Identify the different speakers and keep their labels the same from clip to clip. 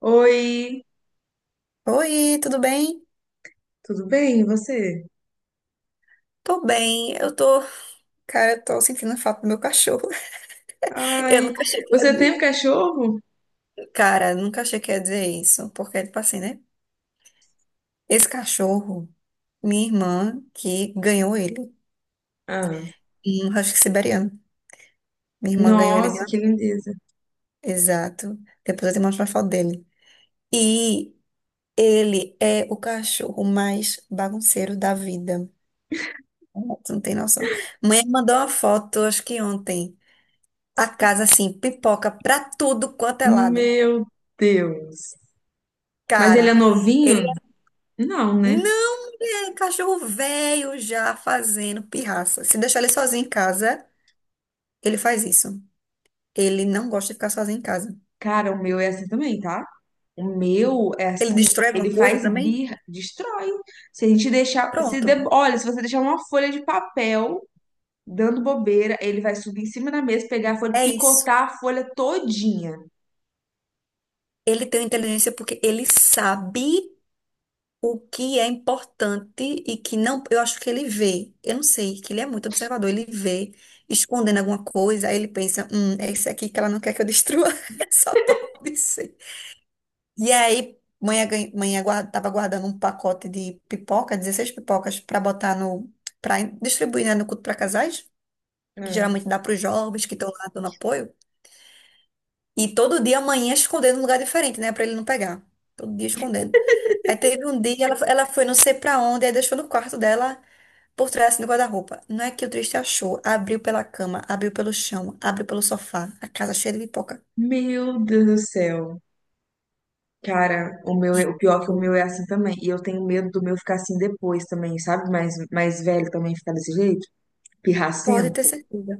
Speaker 1: Oi,
Speaker 2: Oi, tudo bem?
Speaker 1: tudo bem? E você?
Speaker 2: Tô bem, eu tô. Cara, eu tô sentindo falta do meu cachorro. Eu
Speaker 1: Ai,
Speaker 2: nunca achei que ia.
Speaker 1: você tem um cachorro?
Speaker 2: Cara, nunca achei que ia dizer isso, porque, tipo assim, né? Esse cachorro, minha irmã, que ganhou ele,
Speaker 1: Ah,
Speaker 2: um husky siberiano. Minha irmã ganhou ele de
Speaker 1: nossa,
Speaker 2: uma.
Speaker 1: que lindeza.
Speaker 2: Exato. Depois eu te mostro uma foto dele. E ele é o cachorro mais bagunceiro da vida. Tu não tem noção. Mãe mandou uma foto, acho que ontem. A casa, assim, pipoca pra tudo quanto é lado.
Speaker 1: Meu Deus. Mas ele é
Speaker 2: Cara, ele
Speaker 1: novinho?
Speaker 2: é-
Speaker 1: Não, né?
Speaker 2: não é um cachorro velho já fazendo pirraça. Se deixar ele sozinho em casa, ele faz isso. Ele não gosta de ficar sozinho em casa.
Speaker 1: Cara, o meu é assim também, tá? O meu é
Speaker 2: Ele
Speaker 1: assim,
Speaker 2: destrói
Speaker 1: ele
Speaker 2: alguma coisa
Speaker 1: faz
Speaker 2: também?
Speaker 1: birra, destrói. Se a gente deixar, se
Speaker 2: Pronto.
Speaker 1: de- olha, se você deixar uma folha de papel dando bobeira, ele vai subir em cima da mesa, pegar a folha,
Speaker 2: É isso.
Speaker 1: picotar a folha todinha.
Speaker 2: Ele tem inteligência porque ele sabe o que é importante e que não. Eu acho que ele vê. Eu não sei, que ele é muito observador. Ele vê escondendo alguma coisa, aí ele pensa: é isso aqui que ela não quer que eu destrua. Só pode ser. E aí, mãe tava guardando um pacote de pipoca, 16 pipocas, para botar no. para distribuir, né, no culto para casais, que
Speaker 1: É.
Speaker 2: geralmente dá para os jovens que estão lá dando apoio. E todo dia a mãe ia escondendo num lugar diferente, né, para ele não pegar. Todo dia escondendo. Aí teve um dia, ela foi não sei para onde, aí deixou no quarto dela, por trás assim, do guarda-roupa. Não é que o triste achou. Abriu pela cama, abriu pelo chão, abriu pelo sofá, a casa cheia de pipoca.
Speaker 1: Meu Deus do céu. Cara, o meu, o pior é que o meu é assim também. E eu tenho medo do meu ficar assim depois também, sabe? Mais velho também ficar desse jeito,
Speaker 2: Pode ter
Speaker 1: pirracento.
Speaker 2: certeza.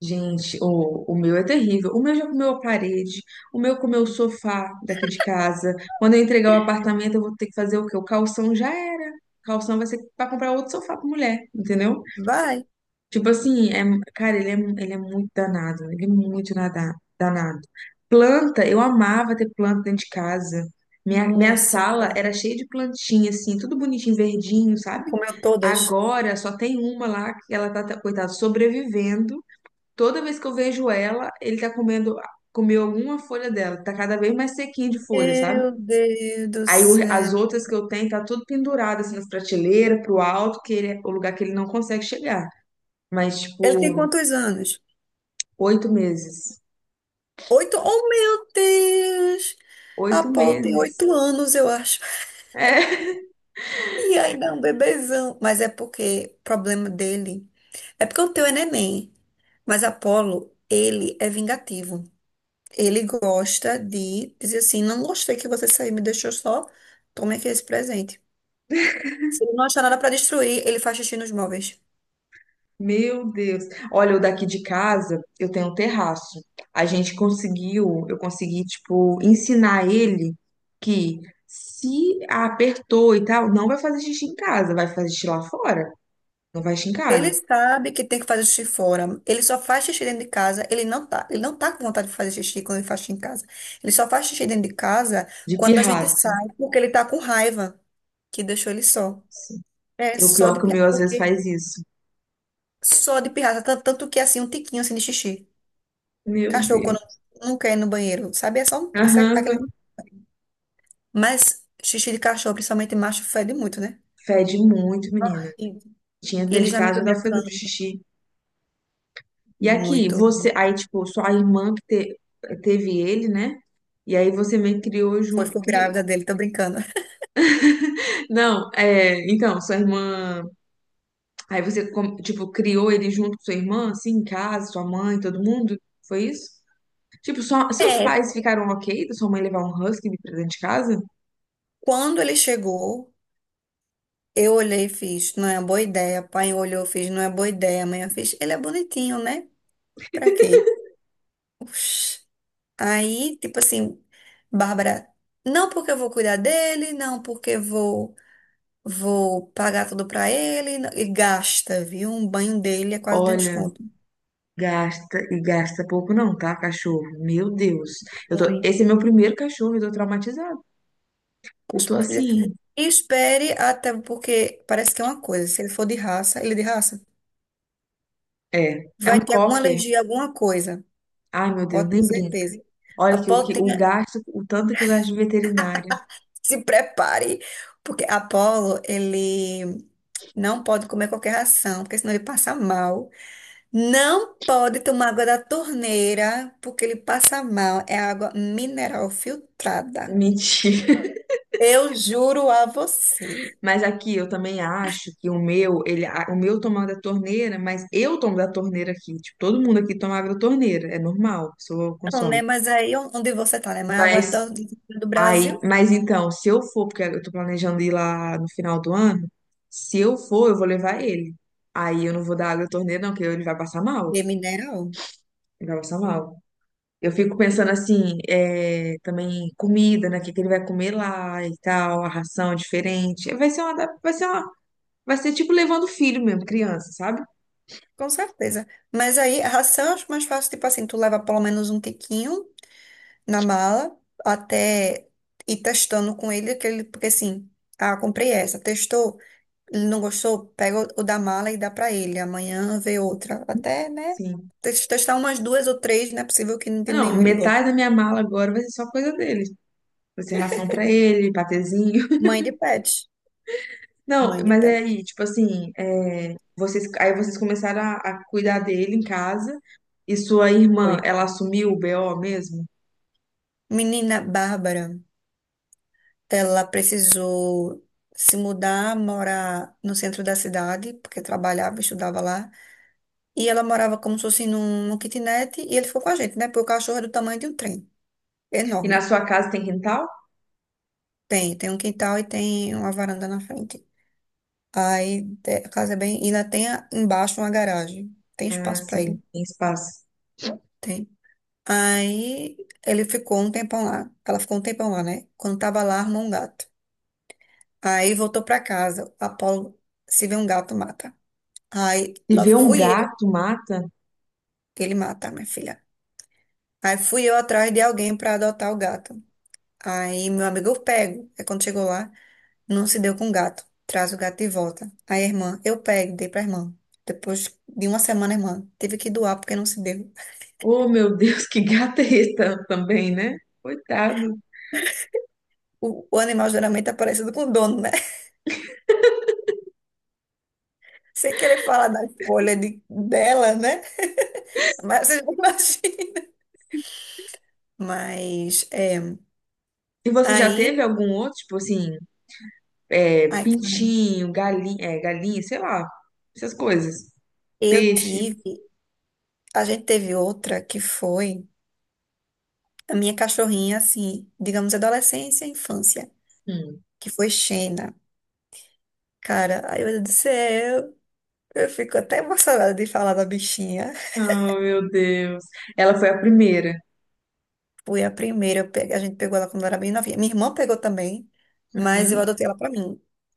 Speaker 1: Gente, o meu é terrível. O meu já comeu a parede, o meu comeu o sofá daqui de casa. Quando eu entregar o apartamento, eu vou ter que fazer o quê? O calção já era. O calção vai ser pra comprar outro sofá pra mulher, entendeu?
Speaker 2: Vai.
Speaker 1: Tipo assim, é, cara, ele é muito danado, ele é muito danado. Planta, eu amava ter planta dentro de casa. Minha
Speaker 2: Nossa.
Speaker 1: sala era cheia de plantinha, assim, tudo bonitinho, verdinho, sabe?
Speaker 2: Comeu todas.
Speaker 1: Agora só tem uma lá que ela tá, coitada, sobrevivendo. Toda vez que eu vejo ela, ele tá comendo, comeu alguma folha dela. Tá cada vez mais sequinha de folha, sabe?
Speaker 2: Meu Deus do
Speaker 1: Aí as
Speaker 2: céu.
Speaker 1: outras que eu tenho tá tudo pendurado, assim, nas prateleiras, pro alto, que ele, é o lugar que ele não consegue chegar. Mas,
Speaker 2: Ele tem
Speaker 1: tipo,
Speaker 2: quantos anos?
Speaker 1: 8 meses.
Speaker 2: Oito? Oh, meu Deus! A
Speaker 1: Oito
Speaker 2: Paul tem
Speaker 1: meses.
Speaker 2: 8 anos, eu acho.
Speaker 1: É,
Speaker 2: E ainda é um bebezão. Mas é porque o problema dele. É porque o teu é neném. Mas Apolo, ele é vingativo. Ele gosta de dizer assim: não gostei que você saiu, me deixou só. Tome aqui esse presente. Se ele não achar nada pra destruir, ele faz xixi nos móveis.
Speaker 1: meu Deus. Olha, o daqui de casa, eu tenho um terraço. A gente conseguiu, eu consegui, tipo, ensinar ele que se apertou e tal, não vai fazer xixi em casa, vai fazer xixi lá fora. Não vai xixi em
Speaker 2: Ele
Speaker 1: casa.
Speaker 2: sabe que tem que fazer xixi fora. Ele só faz xixi dentro de casa. Ele não tá com vontade de fazer xixi quando ele faz xixi em casa. Ele só faz xixi dentro de casa
Speaker 1: De
Speaker 2: quando a gente
Speaker 1: pirraça.
Speaker 2: sai, porque ele tá com raiva que deixou ele só. É
Speaker 1: E o
Speaker 2: só
Speaker 1: pior
Speaker 2: de
Speaker 1: que o
Speaker 2: pirra-
Speaker 1: meu às vezes
Speaker 2: porque
Speaker 1: faz isso.
Speaker 2: só de pirraça, tanto que assim um tiquinho assim de xixi.
Speaker 1: Meu
Speaker 2: Cachorro quando
Speaker 1: Deus.
Speaker 2: não quer ir no banheiro, sabe? É só aquele,
Speaker 1: Aham.
Speaker 2: mas xixi de cachorro, principalmente macho, fede muito, né?
Speaker 1: Fede muito, menina.
Speaker 2: E
Speaker 1: Tinha
Speaker 2: ele
Speaker 1: dentro de
Speaker 2: já
Speaker 1: casa,
Speaker 2: mijou
Speaker 1: já dá
Speaker 2: minha
Speaker 1: o fedor de
Speaker 2: cama
Speaker 1: xixi. E aqui,
Speaker 2: muito.
Speaker 1: você, aí, tipo, sua irmã que te- teve ele, né? E aí você meio que criou
Speaker 2: Foi,
Speaker 1: junto.
Speaker 2: ficou grávida dele, tô brincando.
Speaker 1: Não, é, então, sua irmã. Aí você, tipo, criou ele junto com sua irmã, assim, em casa, sua mãe, todo mundo? Foi isso? Tipo, só, seus
Speaker 2: É,
Speaker 1: pais ficaram ok da sua mãe levar um husky de dentro de casa?
Speaker 2: quando ele chegou, eu olhei e fiz, não é boa ideia. Pai olhou, fiz, não é boa ideia. Mãe eu fiz, ele é bonitinho, né? Pra quê? Oxi. Aí, tipo assim, Bárbara, não porque eu vou cuidar dele, não porque eu vou pagar tudo pra ele, e gasta, viu? Um banho dele é quase dentro de
Speaker 1: Olha,
Speaker 2: desconto.
Speaker 1: gasta e gasta pouco não, tá, cachorro? Meu Deus. Eu tô,
Speaker 2: Ruim.
Speaker 1: esse é meu primeiro cachorro, eu tô traumatizada. Eu tô
Speaker 2: Filha,
Speaker 1: assim,
Speaker 2: e espere até, porque parece que é uma coisa. Se ele for de raça, ele é de raça,
Speaker 1: é, é um
Speaker 2: vai ter alguma
Speaker 1: cocker.
Speaker 2: alergia, alguma coisa.
Speaker 1: Ai, meu Deus,
Speaker 2: Pode ter
Speaker 1: nem brinca.
Speaker 2: certeza. A.
Speaker 1: Olha que o gasto, o tanto que eu gasto de veterinário.
Speaker 2: Se prepare, porque Apolo, ele não pode comer qualquer ração, porque senão ele passa mal. Não pode tomar água da torneira, porque ele passa mal. É água mineral
Speaker 1: É
Speaker 2: filtrada.
Speaker 1: mentira.
Speaker 2: Eu juro a você.
Speaker 1: Mas aqui eu também acho que o meu, ele, o meu toma da torneira, mas eu tomo da torneira aqui. Tipo, todo mundo aqui toma água da torneira, é normal, a pessoa
Speaker 2: Não,
Speaker 1: consome.
Speaker 2: né? Mas aí onde você tá, né? Mas a água
Speaker 1: Mas
Speaker 2: do Brasil
Speaker 1: mas então, se eu for, porque eu tô planejando ir lá no final do ano, se eu for, eu vou levar ele. Aí eu não vou dar água da torneira, não, porque ele vai passar mal.
Speaker 2: de mineral.
Speaker 1: Ele vai passar mal. Eu fico pensando assim, é, também comida, né? O que que ele vai comer lá e tal, a ração é diferente. Vai ser uma, da- vai ser uma, vai ser tipo levando filho mesmo, criança, sabe?
Speaker 2: Com certeza. Mas aí a ração eu acho mais fácil, tipo assim, tu leva pelo menos um tiquinho na mala até ir testando com ele aquele, porque assim, ah, comprei essa, testou, ele não gostou, pega o da mala e dá pra ele. Amanhã vê outra, até, né?
Speaker 1: Sim.
Speaker 2: Testar umas duas ou três, não é possível que de
Speaker 1: Não,
Speaker 2: nenhum ele goste.
Speaker 1: metade da minha mala agora vai ser só coisa dele. Vai ser ração pra ele, patezinho.
Speaker 2: Mãe de pet,
Speaker 1: Não,
Speaker 2: mãe de
Speaker 1: mas é
Speaker 2: pet.
Speaker 1: aí, tipo assim, é, vocês, aí vocês começaram a cuidar dele em casa. E sua irmã,
Speaker 2: Foi.
Speaker 1: ela assumiu o BO mesmo?
Speaker 2: Menina Bárbara, ela precisou se mudar, morar no centro da cidade, porque trabalhava, estudava lá. E ela morava como se fosse num, kitnet, e ele ficou com a gente, né? Porque o cachorro é do tamanho de um trem.
Speaker 1: E na
Speaker 2: Enorme.
Speaker 1: sua casa tem quintal?
Speaker 2: Tem um quintal e tem uma varanda na frente. Aí a casa é bem. E ainda tem embaixo uma garagem. Tem
Speaker 1: Ah,
Speaker 2: espaço pra
Speaker 1: sim,
Speaker 2: ele.
Speaker 1: tem espaço.
Speaker 2: Tem. Aí ele ficou um tempão lá. Ela ficou um tempão lá, né? Quando tava lá, armou um gato. Aí voltou pra casa. Apolo, se vê um gato, mata. Aí
Speaker 1: E
Speaker 2: lá
Speaker 1: ver um
Speaker 2: fui eu
Speaker 1: gato, mata.
Speaker 2: que ele mata, minha filha. Aí fui eu atrás de alguém pra adotar o gato. Aí meu amigo eu pego. Aí quando chegou lá. Não se deu com o gato. Traz o gato de volta. Aí a irmã, eu pego, dei pra irmã. Depois de uma semana, a irmã teve que doar porque não se deu.
Speaker 1: Oh, meu Deus, que gata é esse também, né? Coitado.
Speaker 2: O animal geralmente tá parecido com o dono, né? Sem querer falar da escolha dela, né? Mas você já imagina. Mas, é,
Speaker 1: E você já teve
Speaker 2: aí,
Speaker 1: algum outro, tipo assim, é,
Speaker 2: ai, cara,
Speaker 1: pintinho, galinha, é, galinha, sei lá, essas coisas.
Speaker 2: eu
Speaker 1: Peixe.
Speaker 2: tive, a gente teve outra que foi a minha cachorrinha, assim, digamos, adolescência e infância,
Speaker 1: Hum.
Speaker 2: que foi Xena. Cara, ai meu Deus do céu. Eu fico até emocionada de falar da bichinha.
Speaker 1: Oh, meu Deus. Ela foi a primeira.
Speaker 2: Fui a primeira, a gente pegou ela quando ela era bem novinha. Minha irmã pegou também, mas eu
Speaker 1: Aham,
Speaker 2: adotei ela pra mim.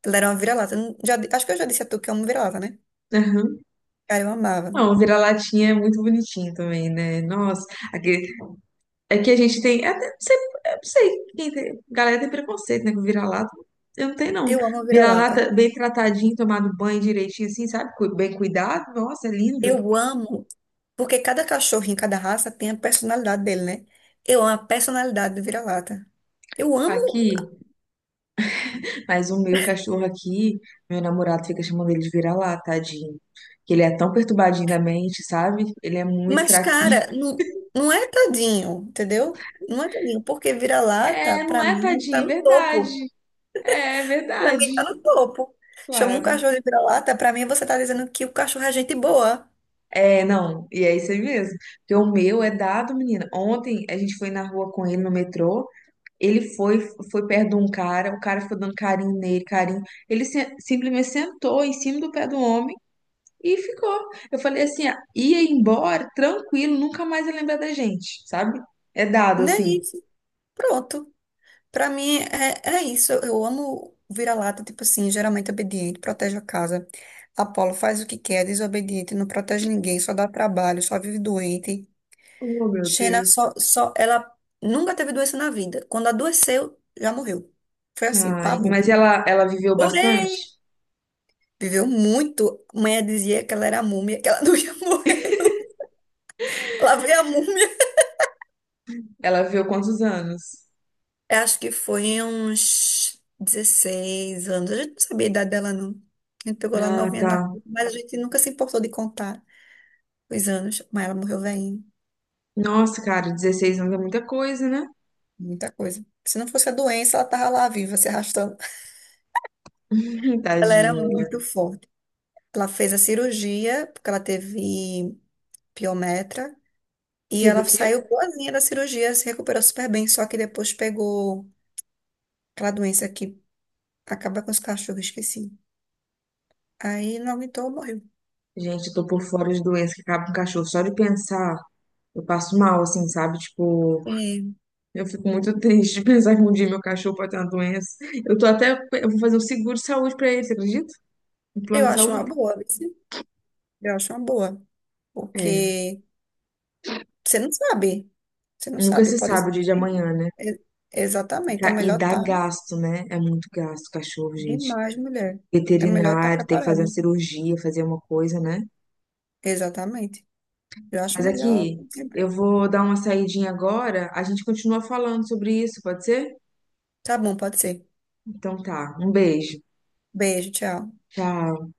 Speaker 2: Ela era uma vira-lata. Eu não- já di- Acho que eu já disse a tu que eu amo vira-lata, né?
Speaker 1: aham.
Speaker 2: Cara, eu amava.
Speaker 1: Não, o vira-latinha é muito bonitinho também, né? Nossa, aquele, é que a gente tem. Até, não sei, eu não sei quem tem, galera tem preconceito, né? Com vira-lata. Eu não tenho, não.
Speaker 2: Eu amo vira-lata.
Speaker 1: Vira-lata bem tratadinho, tomado banho direitinho, assim, sabe? Cu- bem cuidado. Nossa, é lindo.
Speaker 2: Eu amo, porque cada cachorro em cada raça tem a personalidade dele, né? Eu amo a personalidade do vira-lata. Eu amo,
Speaker 1: Aqui. Mas o meu cachorro aqui, meu namorado fica chamando ele de vira-lata, tadinho. Que ele é tão perturbadinho da mente, sabe? Ele é muito
Speaker 2: mas,
Speaker 1: fraquinho.
Speaker 2: cara, não, não é tadinho, entendeu? Não é tadinho, porque vira-lata,
Speaker 1: É, não
Speaker 2: pra
Speaker 1: é,
Speaker 2: mim, tá
Speaker 1: tadinho, é
Speaker 2: no topo.
Speaker 1: verdade. É é
Speaker 2: Pra
Speaker 1: verdade.
Speaker 2: mim tá no topo. Chama um
Speaker 1: Claro.
Speaker 2: cachorro de vira-lata, pra mim você tá dizendo que o cachorro é gente boa.
Speaker 1: É, não, e é isso aí mesmo. Porque o meu é dado, menina. Ontem a gente foi na rua com ele no metrô. Ele foi, foi perto de um cara, o cara foi dando carinho nele, carinho. Ele simplesmente sentou em cima do pé do homem e ficou. Eu falei assim, ah, ia embora, tranquilo, nunca mais ia lembrar da gente, sabe? É dado
Speaker 2: Não é
Speaker 1: assim.
Speaker 2: isso. Pronto. Pra mim é isso. Eu amo vira-lata, tipo assim, geralmente obediente, protege a casa. Apolo faz o que quer, desobediente, não protege ninguém, só dá trabalho, só vive doente.
Speaker 1: Oh, meu
Speaker 2: Xena
Speaker 1: Deus.
Speaker 2: ela nunca teve doença na vida. Quando adoeceu, já morreu. Foi assim,
Speaker 1: Ai,
Speaker 2: pabu.
Speaker 1: mas ela viveu bastante?
Speaker 2: Porém, viveu muito. Mãe dizia que ela era múmia, que ela não ia morrer. Não. Lá veio a múmia.
Speaker 1: Ela viveu quantos anos?
Speaker 2: Eu acho que foi uns 16 anos. A gente não sabia a idade dela, não. A gente pegou lá
Speaker 1: Ah,
Speaker 2: novinha na
Speaker 1: tá.
Speaker 2: rua, mas a gente nunca se importou de contar os anos. Mas ela morreu velhinha.
Speaker 1: Nossa, cara, 16 anos é muita coisa, né?
Speaker 2: Muita coisa. Se não fosse a doença, ela tava lá viva, se arrastando. Ela era
Speaker 1: Tadinha.
Speaker 2: muito forte. Ela fez a cirurgia, porque ela teve piometra. E
Speaker 1: Teve o
Speaker 2: ela
Speaker 1: quê?
Speaker 2: saiu boazinha da cirurgia, se recuperou super bem. Só que depois pegou aquela doença que acaba com os cachorros, esqueci. Aí não aguentou, morreu.
Speaker 1: Gente, eu tô por fora de doença que acaba com o cachorro. Só de pensar, eu passo mal, assim, sabe? Tipo,
Speaker 2: É,
Speaker 1: eu fico muito triste de pensar que um dia meu cachorro pode ter uma doença. Eu tô até, eu vou fazer um seguro de saúde pra ele, você acredita? Um plano
Speaker 2: eu
Speaker 1: de
Speaker 2: acho uma
Speaker 1: saúde?
Speaker 2: boa. Eu acho uma boa,
Speaker 1: É,
Speaker 2: porque você não sabe, você não
Speaker 1: nunca
Speaker 2: sabe,
Speaker 1: se
Speaker 2: pode
Speaker 1: sabe o
Speaker 2: ser.
Speaker 1: dia de amanhã, né?
Speaker 2: E-
Speaker 1: E
Speaker 2: Exatamente, é
Speaker 1: ca- e
Speaker 2: melhor
Speaker 1: dá
Speaker 2: estar
Speaker 1: gasto, né? É muito gasto, cachorro, gente.
Speaker 2: demais, mulher. É melhor estar
Speaker 1: Veterinário, tem que fazer uma
Speaker 2: preparado.
Speaker 1: cirurgia, fazer uma coisa, né?
Speaker 2: Exatamente. Eu acho
Speaker 1: Mas
Speaker 2: melhor
Speaker 1: aqui, eu
Speaker 2: sempre.
Speaker 1: vou dar uma saidinha agora, a gente continua falando sobre isso, pode ser?
Speaker 2: Tá bom, pode ser.
Speaker 1: Então tá, um beijo.
Speaker 2: Beijo, tchau.
Speaker 1: Tchau.